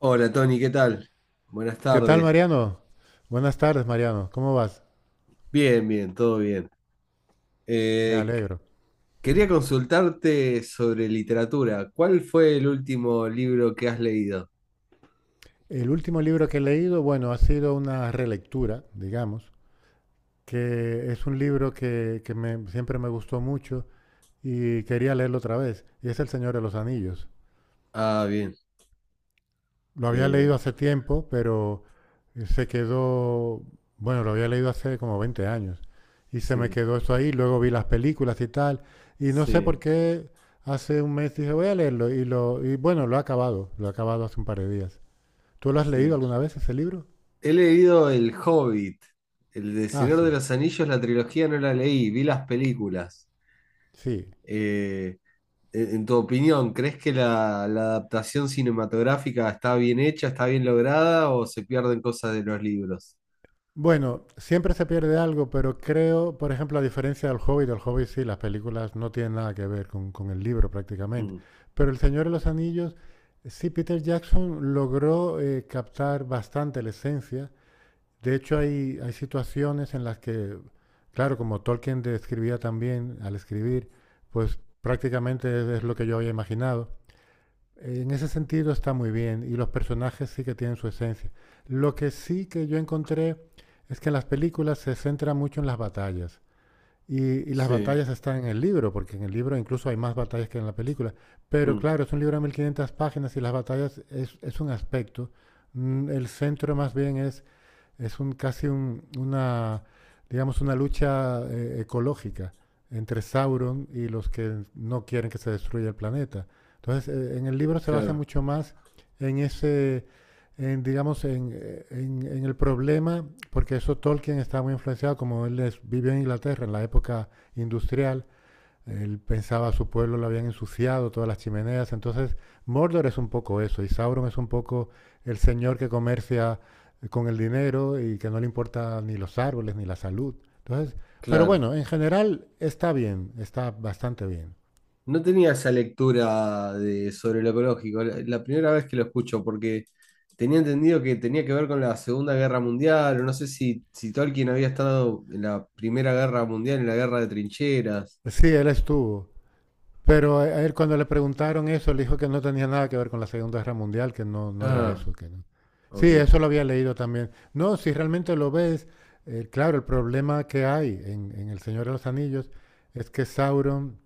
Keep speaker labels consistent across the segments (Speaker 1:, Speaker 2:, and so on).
Speaker 1: Hola Tony, ¿qué tal? Buenas
Speaker 2: ¿Qué tal,
Speaker 1: tardes.
Speaker 2: Mariano? Buenas tardes, Mariano. ¿Cómo vas?
Speaker 1: Bien, bien, todo bien.
Speaker 2: Me
Speaker 1: Eh, qu-
Speaker 2: alegro.
Speaker 1: quería consultarte sobre literatura. ¿Cuál fue el último libro que has leído?
Speaker 2: El último libro que he leído, bueno, ha sido una relectura, digamos, que es un libro que siempre me gustó mucho y quería leerlo otra vez, y es El Señor de los Anillos.
Speaker 1: Ah, bien.
Speaker 2: Lo había
Speaker 1: Eh,
Speaker 2: leído hace tiempo, pero se quedó, bueno, lo había leído hace como 20 años y se me
Speaker 1: sí,
Speaker 2: quedó eso ahí, luego vi las películas y tal, y no sé por
Speaker 1: sí,
Speaker 2: qué hace un mes dije, voy a leerlo, y bueno, lo he acabado hace un par de días. ¿Tú lo has
Speaker 1: sí.
Speaker 2: leído alguna vez ese libro?
Speaker 1: He leído El Hobbit, el de
Speaker 2: Ah,
Speaker 1: Señor de
Speaker 2: sí,
Speaker 1: los Anillos, la trilogía no la leí, vi las películas.
Speaker 2: sí.
Speaker 1: Eh, en tu opinión, ¿crees que la adaptación cinematográfica está bien hecha, está bien lograda o se pierden cosas de los libros?
Speaker 2: Bueno, siempre se pierde algo, pero creo, por ejemplo, a diferencia del Hobbit, el Hobbit sí, las películas no tienen nada que ver con el libro prácticamente.
Speaker 1: Mm,
Speaker 2: Pero El Señor de los Anillos, sí, Peter Jackson logró captar bastante la esencia. De hecho, hay situaciones en las que, claro, como Tolkien describía también al escribir, pues prácticamente es lo que yo había imaginado. En ese sentido está muy bien y los personajes sí que tienen su esencia. Lo que sí que yo encontré es que en las películas se centra mucho en las batallas. Y, y las
Speaker 1: sí,
Speaker 2: batallas están en el libro, porque en el libro incluso hay más batallas que en la película. Pero
Speaker 1: mm,
Speaker 2: claro, es un libro de 1500 páginas y las batallas es un aspecto. El centro más bien es un, casi un- una, digamos, una lucha ecológica entre Sauron y los que no quieren que se destruya el planeta. Entonces, en el libro se basa
Speaker 1: claro,
Speaker 2: mucho más en ese, digamos, en el problema, porque eso Tolkien estaba muy influenciado, como vivió en Inglaterra en la época industrial, él pensaba a su pueblo lo habían ensuciado, todas las chimeneas. Entonces, Mordor es un poco eso, y Sauron es un poco el señor que comercia con el dinero y que no le importa ni los árboles ni la salud. Entonces, pero
Speaker 1: claro.
Speaker 2: bueno, en general está bien, está bastante bien.
Speaker 1: No tenía esa lectura de, sobre lo ecológico, la primera vez que lo escucho, porque tenía entendido que tenía que ver con la Segunda Guerra Mundial, o no sé si, si Tolkien había estado en la Primera Guerra Mundial, en la Guerra de Trincheras.
Speaker 2: Sí, él estuvo. Pero a él cuando le preguntaron eso, le dijo que no tenía nada que ver con la Segunda Guerra Mundial, que no, no era
Speaker 1: Ah,
Speaker 2: eso. Que no. Sí,
Speaker 1: ok,
Speaker 2: eso lo había leído también. No, si realmente lo ves, claro, el problema que hay en El Señor de los Anillos es que Sauron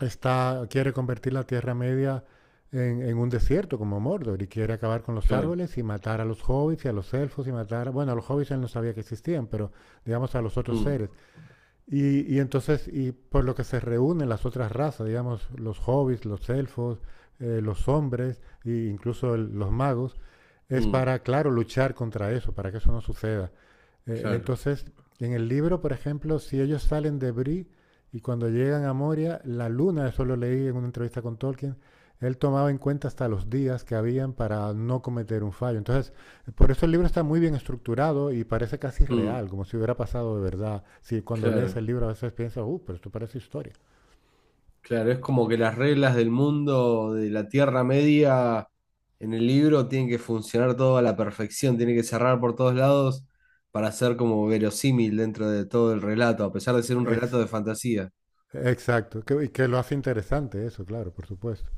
Speaker 2: quiere convertir la Tierra Media en un desierto como Mordor y quiere acabar con los
Speaker 1: claro.
Speaker 2: árboles y matar a los hobbits y a los elfos y matar, bueno, a los hobbits él no sabía que existían, pero digamos a los otros
Speaker 1: Mm,
Speaker 2: seres. Y entonces, y por lo que se reúnen las otras razas, digamos, los hobbits, los elfos, los hombres e incluso los magos, es
Speaker 1: mm,
Speaker 2: para, claro, luchar contra eso, para que eso no suceda.
Speaker 1: claro,
Speaker 2: Entonces, en el libro, por ejemplo, si ellos salen de Bree y cuando llegan a Moria, la luna, eso lo leí en una entrevista con Tolkien, él tomaba en cuenta hasta los días que habían para no cometer un fallo. Entonces, por eso el libro está muy bien estructurado y parece casi
Speaker 1: mm,
Speaker 2: real, como si hubiera pasado de verdad. Si cuando lees
Speaker 1: claro.
Speaker 2: el libro a veces piensas, pero esto parece historia.
Speaker 1: Claro, es como que las reglas del mundo de la Tierra Media en el libro tienen que funcionar todo a la perfección, tiene que cerrar por todos lados para ser como verosímil dentro de todo el relato, a pesar de ser un relato
Speaker 2: Ex-
Speaker 1: de fantasía.
Speaker 2: exacto, que, y que lo hace interesante eso, claro, por supuesto.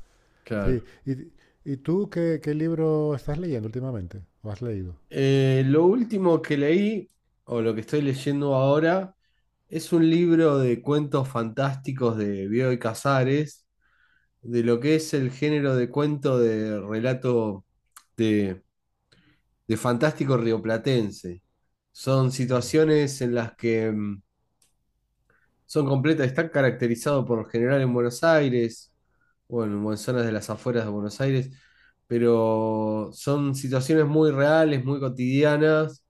Speaker 2: Sí.
Speaker 1: Claro.
Speaker 2: ¿ y tú qué libro estás leyendo últimamente? ¿O has leído?
Speaker 1: Lo último que leí, o lo que estoy leyendo ahora, es un libro de cuentos fantásticos de Bioy Casares, de lo que es el género de cuento de relato de fantástico rioplatense. Son situaciones en las que son completas, están caracterizados por lo general en Buenos Aires, bueno, en zonas de las afueras de Buenos Aires, pero son situaciones muy reales, muy cotidianas,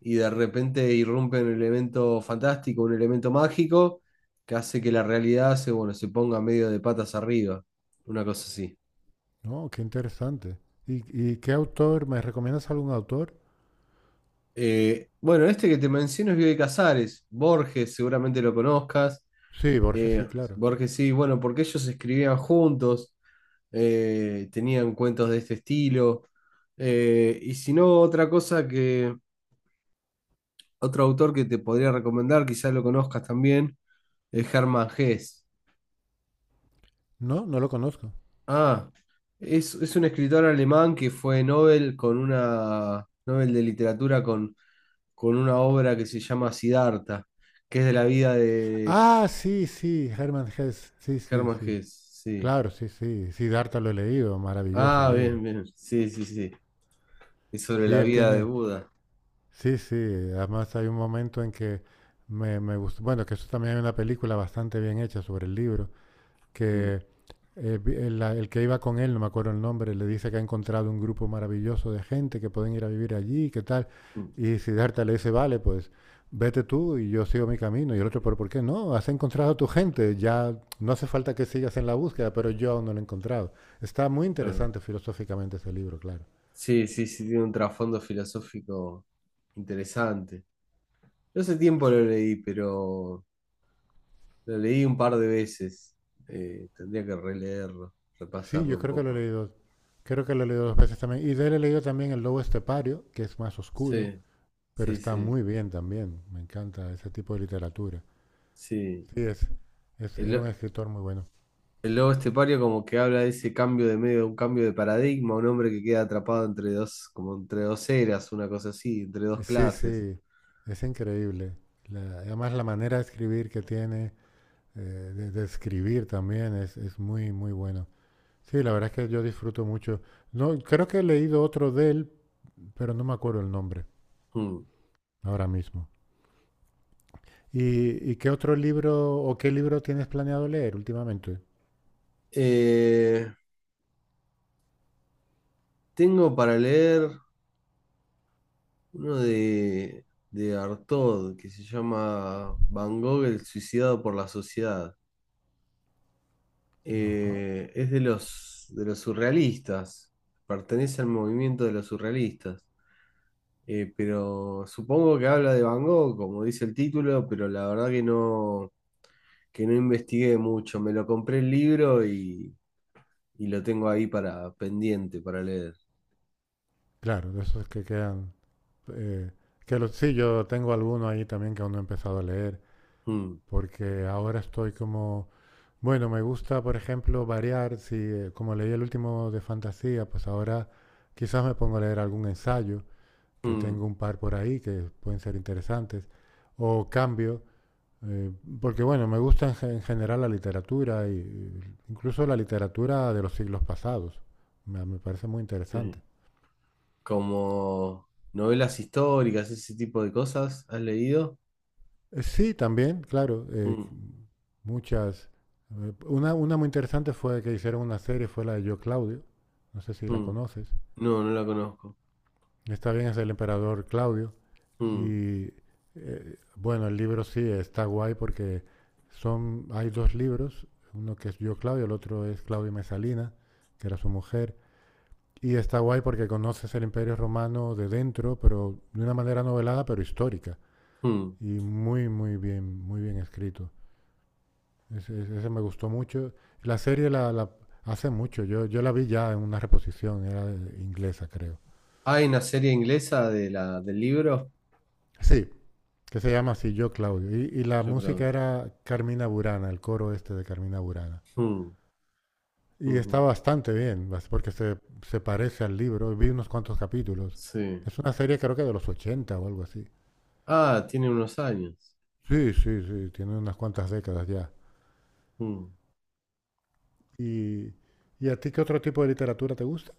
Speaker 1: y de repente irrumpe un elemento fantástico, un elemento mágico, que hace que la realidad se, bueno, se ponga medio de patas arriba, una cosa así.
Speaker 2: No, qué interesante. ¿ y qué autor? ¿Me recomiendas algún autor?
Speaker 1: Bueno, este que te menciono es Bioy Casares. Borges, seguramente lo conozcas.
Speaker 2: Sí, Borges, sí,
Speaker 1: Eh,
Speaker 2: claro.
Speaker 1: Borges sí, bueno, porque ellos escribían juntos, tenían cuentos de este estilo. Y si no, otra cosa que, otro autor que te podría recomendar, quizás lo conozcas también, es Hermann Hesse.
Speaker 2: No, no lo conozco.
Speaker 1: Ah, es un escritor alemán que fue Nobel con una Nobel de literatura con una obra que se llama Siddhartha, que es de la vida de
Speaker 2: Ah, sí, sí, Hermann Hesse. Sí, sí,
Speaker 1: Hermann
Speaker 2: sí.
Speaker 1: Hesse, sí.
Speaker 2: Claro, sí, sí. Siddhartha lo he leído, maravilloso el
Speaker 1: Ah, bien,
Speaker 2: libro.
Speaker 1: bien. Sí, sí, sí. Es sobre
Speaker 2: Sí,
Speaker 1: la
Speaker 2: él
Speaker 1: vida de
Speaker 2: tiene,
Speaker 1: Buda.
Speaker 2: sí, sí, además hay un momento en que me gustó, bueno, que eso también hay una película bastante bien hecha sobre el libro,
Speaker 1: Mm,
Speaker 2: que el que iba con él, no me acuerdo el nombre, le dice que ha encontrado un grupo maravilloso de gente que pueden ir a vivir allí, qué tal,
Speaker 1: mm,
Speaker 2: y Siddhartha le dice, vale, pues vete tú y yo sigo mi camino, y el otro, pero ¿por qué no? Has encontrado a tu gente, ya no hace falta que sigas en la búsqueda, pero yo aún no lo he encontrado. Está muy
Speaker 1: claro.
Speaker 2: interesante filosóficamente ese libro, claro.
Speaker 1: Sí, sí, sí, tiene un trasfondo filosófico interesante. Yo hace tiempo lo leí, pero lo leí un par de veces. Tendría que releerlo,
Speaker 2: Sí,
Speaker 1: repasarlo
Speaker 2: yo
Speaker 1: un
Speaker 2: creo que lo he
Speaker 1: poco.
Speaker 2: leído Creo que lo he leído dos veces también. Y de él he leído también El Lobo Estepario, que es más oscuro,
Speaker 1: Sí,
Speaker 2: pero
Speaker 1: sí,
Speaker 2: está
Speaker 1: sí,
Speaker 2: muy bien también. Me encanta ese tipo de literatura.
Speaker 1: sí.
Speaker 2: Sí, es,
Speaker 1: El,
Speaker 2: era un
Speaker 1: lo-
Speaker 2: escritor muy bueno.
Speaker 1: el lobo estepario, como que habla de ese cambio de medio, un cambio de paradigma, un hombre que queda atrapado entre dos, como entre dos eras, una cosa así, entre dos
Speaker 2: Sí,
Speaker 1: clases.
Speaker 2: sí, es increíble. Además, la manera de escribir que tiene, de escribir también, es muy, muy bueno. Sí, la verdad es que yo disfruto mucho. No, creo que he leído otro de él, pero no me acuerdo el nombre
Speaker 1: Mm.
Speaker 2: ahora mismo. ¿ y qué otro libro o qué libro tienes planeado leer últimamente?
Speaker 1: Eh, tengo para leer uno de Artaud que se llama Van Gogh, el suicidado por la sociedad.
Speaker 2: Ajá.
Speaker 1: Es de los surrealistas, pertenece al movimiento de los surrealistas. Pero supongo que habla de Van Gogh, como dice el título, pero la verdad que no investigué mucho. Me lo compré el libro y lo tengo ahí para pendiente, para leer.
Speaker 2: Claro, de esos que quedan. eh, sí, yo tengo alguno ahí también que aún no he empezado a leer,
Speaker 1: Mm,
Speaker 2: porque ahora estoy como, bueno, me gusta, por ejemplo, variar. Si, como leí el último de fantasía, pues ahora quizás me pongo a leer algún ensayo, que
Speaker 1: mm,
Speaker 2: tengo un par por ahí que pueden ser interesantes, o cambio, eh, porque bueno, me gusta en general la literatura, y incluso la literatura de los siglos pasados. Me parece muy interesante.
Speaker 1: sí. Como novelas históricas, ese tipo de cosas, ¿has leído?
Speaker 2: Sí, también, claro.
Speaker 1: Mm,
Speaker 2: Muchas. Una muy interesante fue que hicieron una serie, fue la de Yo Claudio. No sé si la
Speaker 1: mm.
Speaker 2: conoces.
Speaker 1: No, no la conozco.
Speaker 2: Está bien, es el emperador Claudio.
Speaker 1: Mm,
Speaker 2: Y bueno, el libro sí está guay porque hay dos libros, uno que es Yo Claudio, el otro es Claudio Mesalina, que era su mujer. Y está guay porque conoces el Imperio Romano de dentro, pero de una manera novelada, pero histórica.
Speaker 1: mm.
Speaker 2: Y muy, muy bien escrito. Me gustó mucho. La serie hace mucho. Yo la vi ya en una reposición, era inglesa, creo.
Speaker 1: Hay una serie inglesa de la, del libro,
Speaker 2: Sí, que se llama así, Yo Claudio. Y la
Speaker 1: yo
Speaker 2: música
Speaker 1: creo.
Speaker 2: era Carmina Burana, el coro este de Carmina Burana.
Speaker 1: Mm,
Speaker 2: Y está
Speaker 1: mhm.
Speaker 2: bastante bien, porque se parece al libro. Vi unos cuantos capítulos.
Speaker 1: Sí.
Speaker 2: Es una serie creo que de los 80 o algo así.
Speaker 1: Ah, tiene unos años.
Speaker 2: Sí, sí, sí, tiene unas cuantas décadas ya.
Speaker 1: Mm.
Speaker 2: ¿Y, ¿Y a ti qué otro tipo de literatura te gusta?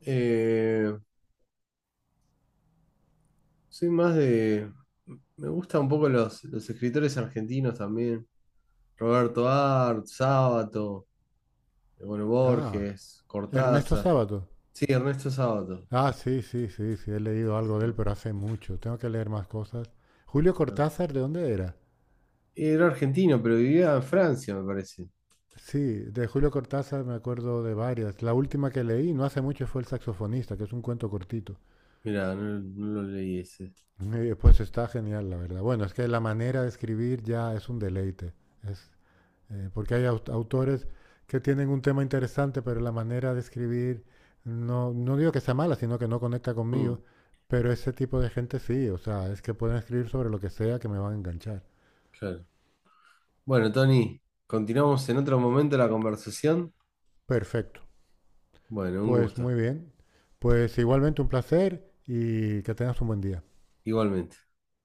Speaker 1: Eh, soy más de. Me gustan un poco los escritores argentinos también. Roberto Art, Sábato, bueno,
Speaker 2: Ah,
Speaker 1: Borges,
Speaker 2: Ernesto
Speaker 1: Cortázar.
Speaker 2: Sábato.
Speaker 1: Sí, Ernesto Sábato.
Speaker 2: Ah, sí, sí, sí, sí, he leído
Speaker 1: Sí,
Speaker 2: algo de él,
Speaker 1: no,
Speaker 2: pero hace mucho. Tengo que leer más cosas. Julio
Speaker 1: claro.
Speaker 2: Cortázar, ¿de dónde era?
Speaker 1: Era argentino, pero vivía en Francia, me parece.
Speaker 2: Sí, de Julio Cortázar me acuerdo de varias. La última que leí no hace mucho fue El saxofonista, que es un cuento cortito.
Speaker 1: Mirá, no, no lo leí ese.
Speaker 2: Y pues está genial, la verdad. Bueno, es que la manera de escribir ya es un deleite. Es, Porque hay autores que tienen un tema interesante, pero la manera de escribir, no, no digo que sea mala, sino que no conecta
Speaker 1: Mm,
Speaker 2: conmigo. Pero ese tipo de gente sí, o sea, es que pueden escribir sobre lo que sea que me van a enganchar.
Speaker 1: claro. Bueno, Tony, continuamos en otro momento la conversación.
Speaker 2: Perfecto.
Speaker 1: Bueno, un
Speaker 2: Pues
Speaker 1: gusto.
Speaker 2: muy bien. Pues igualmente un placer y que tengas un buen día.
Speaker 1: Igualmente.